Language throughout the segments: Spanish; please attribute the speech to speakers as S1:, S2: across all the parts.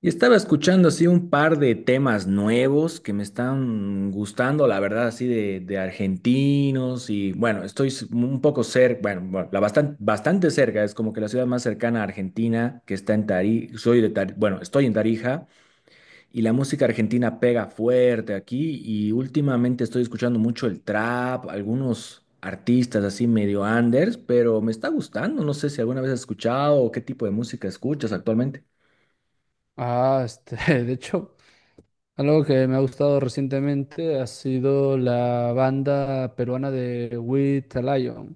S1: Y estaba escuchando así un par de temas nuevos que me están gustando, la verdad, así de argentinos. Y bueno, estoy un poco cerca, la bastante cerca. Es como que la ciudad más cercana a Argentina, que está en Tarija. Soy de bueno, estoy en Tarija, y la música argentina pega fuerte aquí, y últimamente estoy escuchando mucho el trap, algunos artistas así medio anders, pero me está gustando. No sé si alguna vez has escuchado o qué tipo de música escuchas actualmente.
S2: Ah, este, de hecho, algo que me ha gustado recientemente ha sido la banda peruana de With a Lion.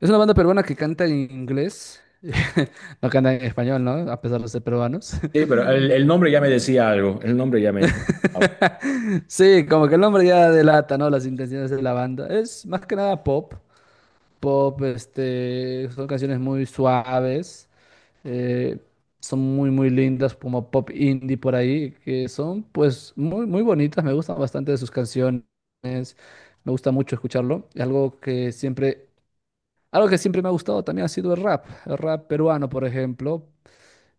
S2: Es una banda peruana que canta en inglés, no canta en español, ¿no? A pesar de ser peruanos.
S1: Sí, pero el nombre ya me decía algo. El nombre ya me...
S2: Sí, como que el nombre ya delata, ¿no? Las intenciones de la banda. Es más que nada pop, son canciones muy suaves. eh, son muy, muy lindas, como pop indie por ahí, que son pues muy, muy bonitas, me gustan bastante sus canciones, me gusta mucho escucharlo. Y algo que siempre me ha gustado también ha sido el rap peruano, por ejemplo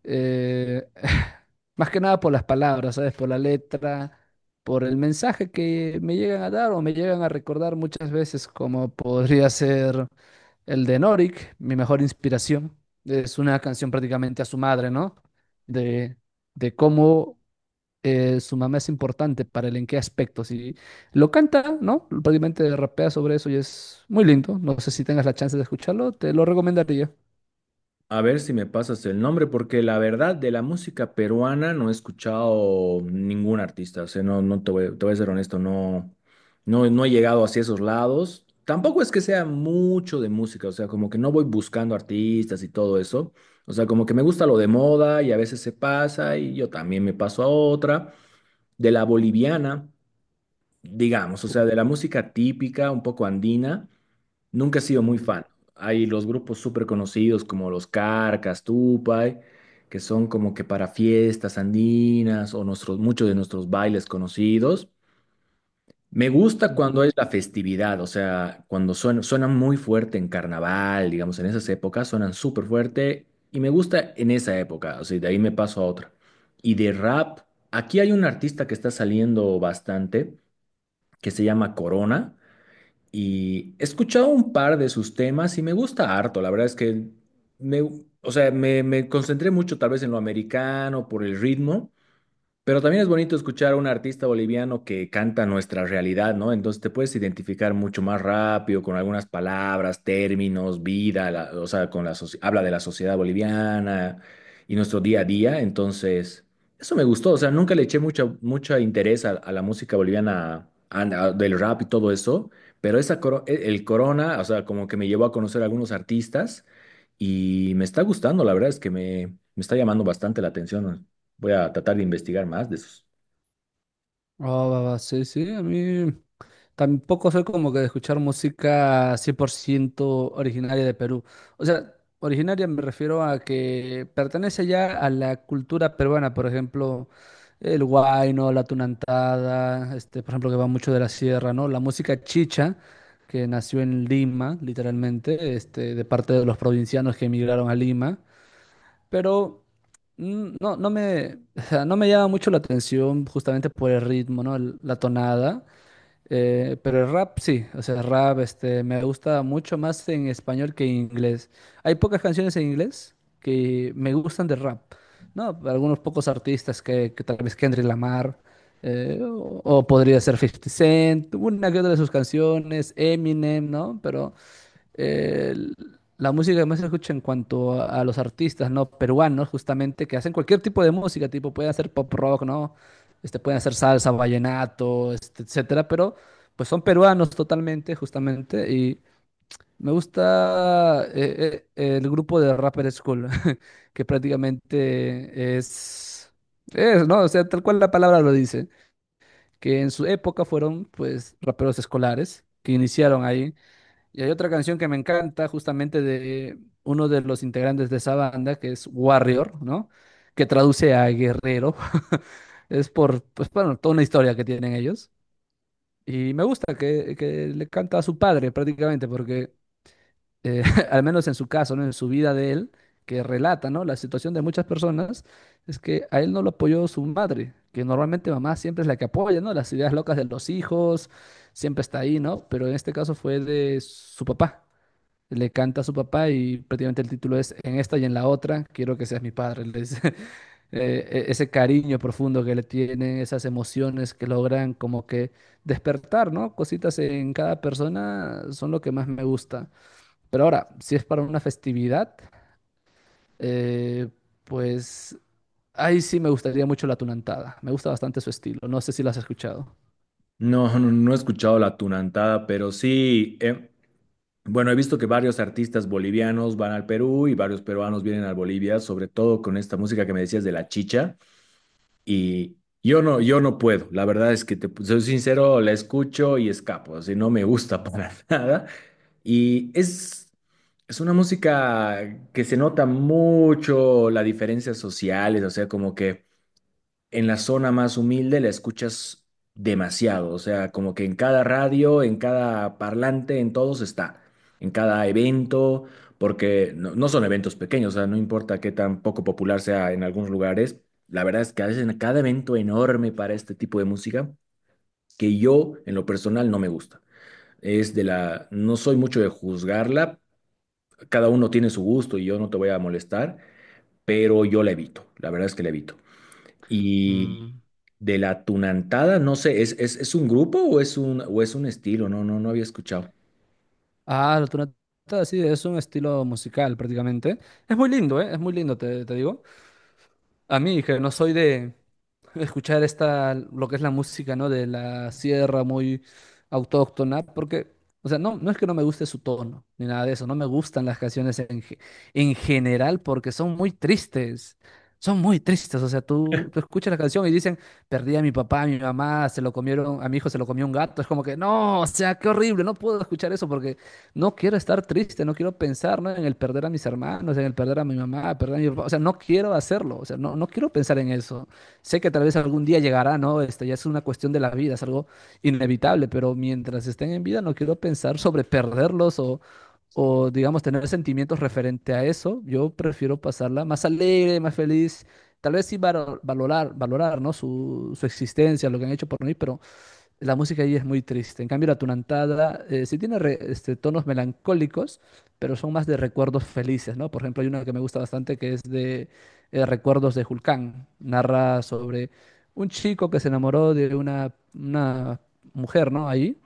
S2: eh, más que nada por las palabras, ¿sabes? Por la letra, por el mensaje que me llegan a dar o me llegan a recordar muchas veces, como podría ser el de Norik, mi mejor inspiración. Es una canción prácticamente a su madre, ¿no? De, de cómo su mamá es importante para él, en qué aspectos. Y lo canta, ¿no? Prácticamente rapea sobre eso y es muy lindo. No sé si tengas la chance de escucharlo, te lo recomendaría.
S1: A ver si me pasas el nombre, porque la verdad de la música peruana no he escuchado ningún artista. O sea, no, te voy a ser honesto, no, no, no he llegado hacia esos lados. Tampoco es que sea mucho de música, o sea, como que no voy buscando artistas y todo eso. O sea, como que me gusta lo de moda y a veces se pasa y yo también me paso a otra. De la boliviana, digamos, o
S2: Oh,
S1: sea, de la música típica, un poco andina. Nunca he sido muy
S2: mm.
S1: fan. Hay los grupos súper conocidos como los Carcas, Tupay, que son como que para fiestas andinas o nuestros, muchos de nuestros bailes conocidos. Me gusta cuando
S2: Ujú.
S1: es la festividad, o sea, cuando suenan muy fuerte en carnaval, digamos; en esas épocas suenan súper fuerte y me gusta en esa época, o sea, de ahí me paso a otra. Y de rap, aquí hay un artista que está saliendo bastante, que se llama Corona. Y he escuchado un par de sus temas y me gusta harto. La verdad es que me, o sea, me concentré mucho tal vez en lo americano por el ritmo, pero también es bonito escuchar a un artista boliviano que canta nuestra realidad, ¿no? Entonces te puedes identificar mucho más rápido con algunas palabras, términos, vida, o sea, con la habla de la sociedad boliviana y nuestro día a día. Entonces, eso me gustó. O sea, nunca le eché mucho, mucho interés a la música boliviana del rap y todo eso, pero esa el Corona, o sea, como que me llevó a conocer a algunos artistas, y me está gustando, la verdad es que me está llamando bastante la atención. Voy a tratar de investigar más de esos.
S2: Ah, va, va, sí, sí, a mí tampoco soy como que de escuchar música 100% originaria de Perú. O sea, originaria me refiero a que pertenece ya a la cultura peruana, por ejemplo, el huayno, la tunantada, por ejemplo, que va mucho de la sierra, ¿no? La música chicha, que nació en Lima, literalmente, de parte de los provincianos que emigraron a Lima. Pero no, no me, o sea, no me llama mucho la atención justamente por el ritmo, ¿no? La tonada. Pero el rap sí, o sea, el rap, me gusta mucho más en español que en inglés. Hay pocas canciones en inglés que me gustan de rap, ¿no? Algunos pocos artistas que tal vez Kendrick Lamar, o podría ser Fifty Cent, una que otra de sus canciones, Eminem, ¿no? Pero eh, la música que más se escucha en cuanto a los artistas, ¿no? Peruanos, justamente, que hacen cualquier tipo de música, tipo, pueden hacer pop rock, ¿no? Pueden hacer salsa, vallenato, este, etcétera, pero pues son peruanos totalmente, justamente, y me gusta el grupo de Rapper School, que prácticamente es, ¿no? O sea, tal cual la palabra lo dice, que en su época fueron, pues, raperos escolares, que iniciaron ahí y hay otra canción que me encanta, justamente de uno de los integrantes de esa banda, que es Warrior, ¿no? Que traduce a guerrero. Es por, pues bueno, toda una historia que tienen ellos. Y me gusta que le canta a su padre prácticamente, porque eh, al menos en su caso, ¿no? En su vida de él, que relata, ¿no? La situación de muchas personas, es que a él no lo apoyó su madre, que normalmente mamá siempre es la que apoya, ¿no? Las ideas locas de los hijos, siempre está ahí, ¿no? Pero en este caso fue de su papá le canta a su papá y prácticamente el título es En esta y en la otra, quiero que seas mi padre. Le dice, ese cariño profundo que le tienen, esas emociones que logran como que despertar, ¿no? Cositas en cada persona son lo que más me gusta. Pero ahora, si es para una festividad, eh, pues ahí sí me gustaría mucho la tunantada. Me gusta bastante su estilo. No sé si lo has escuchado.
S1: No, no, no he escuchado la tunantada, pero sí, bueno, he visto que varios artistas bolivianos van al Perú y varios peruanos vienen a Bolivia, sobre todo con esta música que me decías de la chicha. Y yo no, yo no puedo, la verdad es que te soy sincero, la escucho y escapo, así no me gusta para nada. Y es una música que se nota mucho las diferencias sociales, o sea, como que... en la zona más humilde la escuchas demasiado, o sea, como que en cada radio, en cada parlante, en todos está, en cada evento, porque no, no son eventos pequeños, o sea, no importa qué tan poco popular sea en algunos lugares, la verdad es que hacen cada evento enorme para este tipo de música que yo en lo personal no me gusta. Es de la, no soy mucho de juzgarla, cada uno tiene su gusto y yo no te voy a molestar, pero yo la evito, la verdad es que la evito. Y
S2: Mm.
S1: de la tunantada, no sé, es un grupo o es un estilo? No, no, no había escuchado.
S2: Ah, la tunantada sí, es un estilo musical prácticamente. Es muy lindo, ¿eh? Es muy lindo, te digo. A mí, que no soy de, escuchar esta, lo que es la música, ¿no? De la sierra muy autóctona, porque, o sea, no, no es que no me guste su tono, ni nada de eso, no me gustan las canciones en, en general porque son muy tristes, o sea, tú escuchas la canción y dicen, perdí a mi papá, a mi mamá, se lo comieron, a mi hijo se lo comió un gato, es como que, no, o sea, qué horrible, no puedo escuchar eso porque no quiero estar triste, no quiero pensar, ¿no? En el perder a mis hermanos, en el perder a mi mamá, perder a mi papá, o sea, no quiero hacerlo, o sea, no, no quiero pensar en eso. Sé que tal vez algún día llegará, ¿no? Este ya es una cuestión de la vida, es algo inevitable, pero mientras estén en vida no quiero pensar sobre perderlos o digamos, tener sentimientos referente a eso. Yo prefiero pasarla más alegre, más feliz. Tal vez sí valorar, valorar, ¿no? Su existencia, lo que han hecho por mí, pero la música ahí es muy triste. En cambio, la tunantada sí tiene tonos melancólicos, pero son más de recuerdos felices, ¿no? Por ejemplo, hay una que me gusta bastante que es de Recuerdos de Julcán. Narra sobre un chico que se enamoró de una mujer, ¿no? Ahí,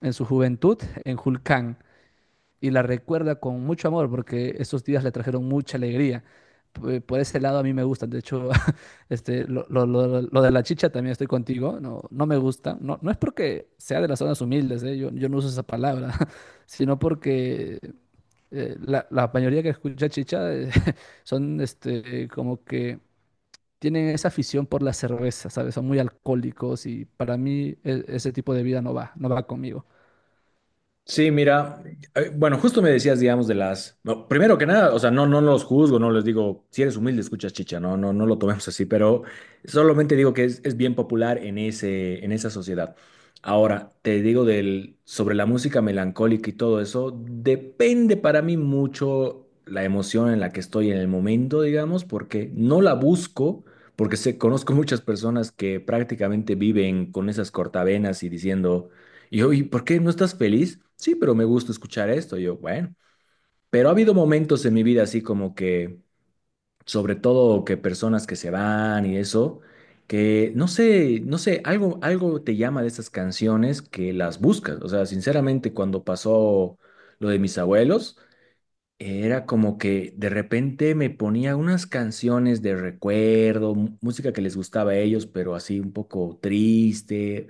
S2: en su juventud, en Julcán y la recuerda con mucho amor porque esos días le trajeron mucha alegría. Por ese lado a mí me gustan. De hecho, lo de la chicha también estoy contigo. No, no me gusta. No, no es porque sea de las zonas humildes, ¿eh? Yo no uso esa palabra, sino porque la mayoría que escucha chicha son como que tienen esa afición por la cerveza, ¿sabes? Son muy alcohólicos y para mí ese tipo de vida no va, no va conmigo.
S1: Sí, mira, bueno, justo me decías, digamos, de las. No, primero que nada, o sea, no, no los juzgo, no les digo, si eres humilde, escuchas chicha, no, no, no lo tomemos así, pero solamente digo que es bien popular en ese, en esa sociedad. Ahora, te digo del, sobre la música melancólica y todo eso, depende para mí mucho la emoción en la que estoy en el momento, digamos, porque no la busco, porque sé, conozco muchas personas que prácticamente viven con esas cortavenas y diciendo. Y yo, ¿y por qué no estás feliz? Sí, pero me gusta escuchar esto. Y yo, bueno, pero ha habido momentos en mi vida así como que, sobre todo que personas que se van y eso, que no sé, no sé, algo, algo te llama de esas canciones que las buscas. O sea, sinceramente, cuando pasó lo de mis abuelos, era como que de repente me ponía unas canciones de recuerdo, música que les gustaba a ellos, pero así un poco triste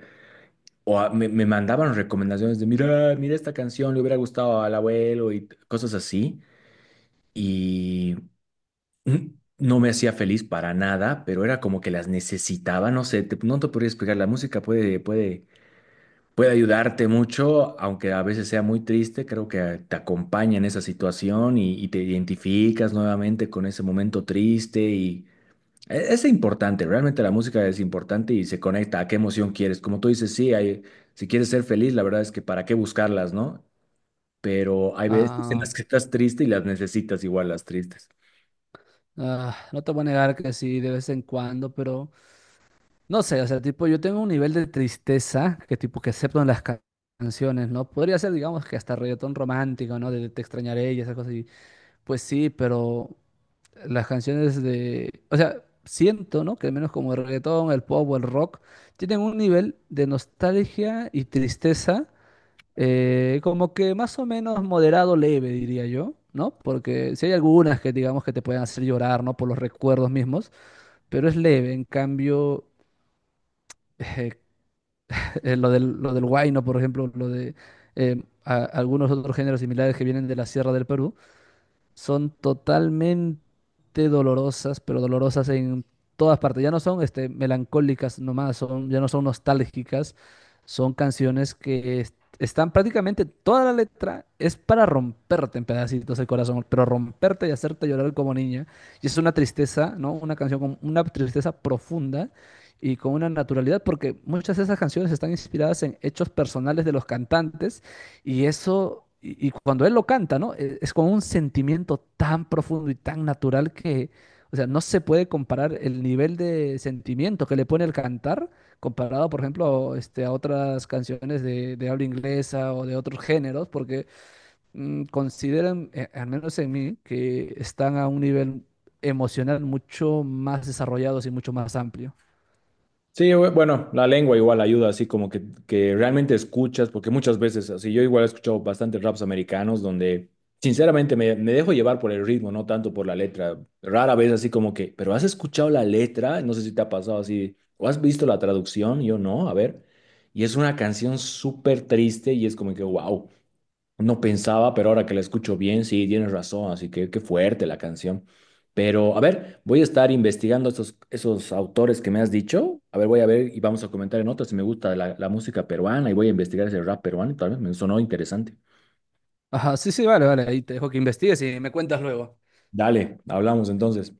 S1: o me mandaban recomendaciones de, mira, mira esta canción, le hubiera gustado al abuelo y cosas así. Y mm, no me hacía feliz para nada, pero era como que las necesitaba. No sé, no te podría explicar. La música puede ayudarte mucho, aunque a veces sea muy triste. Creo que te acompaña en esa situación y te identificas nuevamente con ese momento triste y es importante, realmente la música es importante y se conecta a qué emoción quieres. Como tú dices, sí, hay, si quieres ser feliz, la verdad es que para qué buscarlas, ¿no? Pero hay veces en las
S2: Ah,
S1: que estás triste y las necesitas igual las tristes.
S2: Ah, no te voy a negar que sí, de vez en cuando, pero no sé, o sea, tipo, yo tengo un nivel de tristeza que tipo que acepto en las canciones, ¿no? Podría ser, digamos, que hasta reggaetón romántico, ¿no? De te extrañaré y esas cosas. Y, pues sí, pero las canciones de, o sea, siento, ¿no? Que al menos como el reggaetón, el pop o el rock, tienen un nivel de nostalgia y tristeza como que más o menos moderado leve, diría yo, ¿no? Porque si hay algunas que digamos que te pueden hacer llorar, ¿no? Por los recuerdos mismos, pero es leve. En cambio, eh, lo del huayno, por ejemplo, lo de algunos otros géneros similares que vienen de la Sierra del Perú, son totalmente dolorosas, pero dolorosas en todas partes. Ya no son melancólicas nomás, ya no son nostálgicas, son canciones que están prácticamente toda la letra es para romperte en pedacitos el corazón, pero romperte y hacerte llorar como niña. Y es una tristeza, ¿no? Una canción con una tristeza profunda. Y con una naturalidad, porque muchas de esas canciones están inspiradas en hechos personales de los cantantes y eso, y cuando él lo canta, ¿no? Es, con un sentimiento tan profundo y tan natural que, o sea, no se puede comparar el nivel de sentimiento que le pone el cantar comparado, por ejemplo, a otras canciones de habla inglesa o de otros géneros, porque consideran, al menos en mí, que están a un nivel emocional mucho más desarrollados y mucho más amplio.
S1: Sí, bueno, la lengua igual ayuda, así como que realmente escuchas, porque muchas veces, así yo igual he escuchado bastantes raps americanos donde sinceramente me dejo llevar por el ritmo, no tanto por la letra. Rara vez así como que, pero ¿has escuchado la letra? No sé si te ha pasado así, o has visto la traducción, yo no, a ver. Y es una canción súper triste y es como que, wow. No pensaba, pero ahora que la escucho bien, sí, tienes razón, así que qué fuerte la canción. Pero a ver, voy a estar investigando esos autores que me has dicho. A ver, voy a ver y vamos a comentar en otras si me gusta la música peruana y voy a investigar ese rap peruano, tal vez me sonó interesante.
S2: Ajá, sí, sí, vale, vale, ahí te dejo que investigues y me cuentas luego.
S1: Dale, hablamos entonces.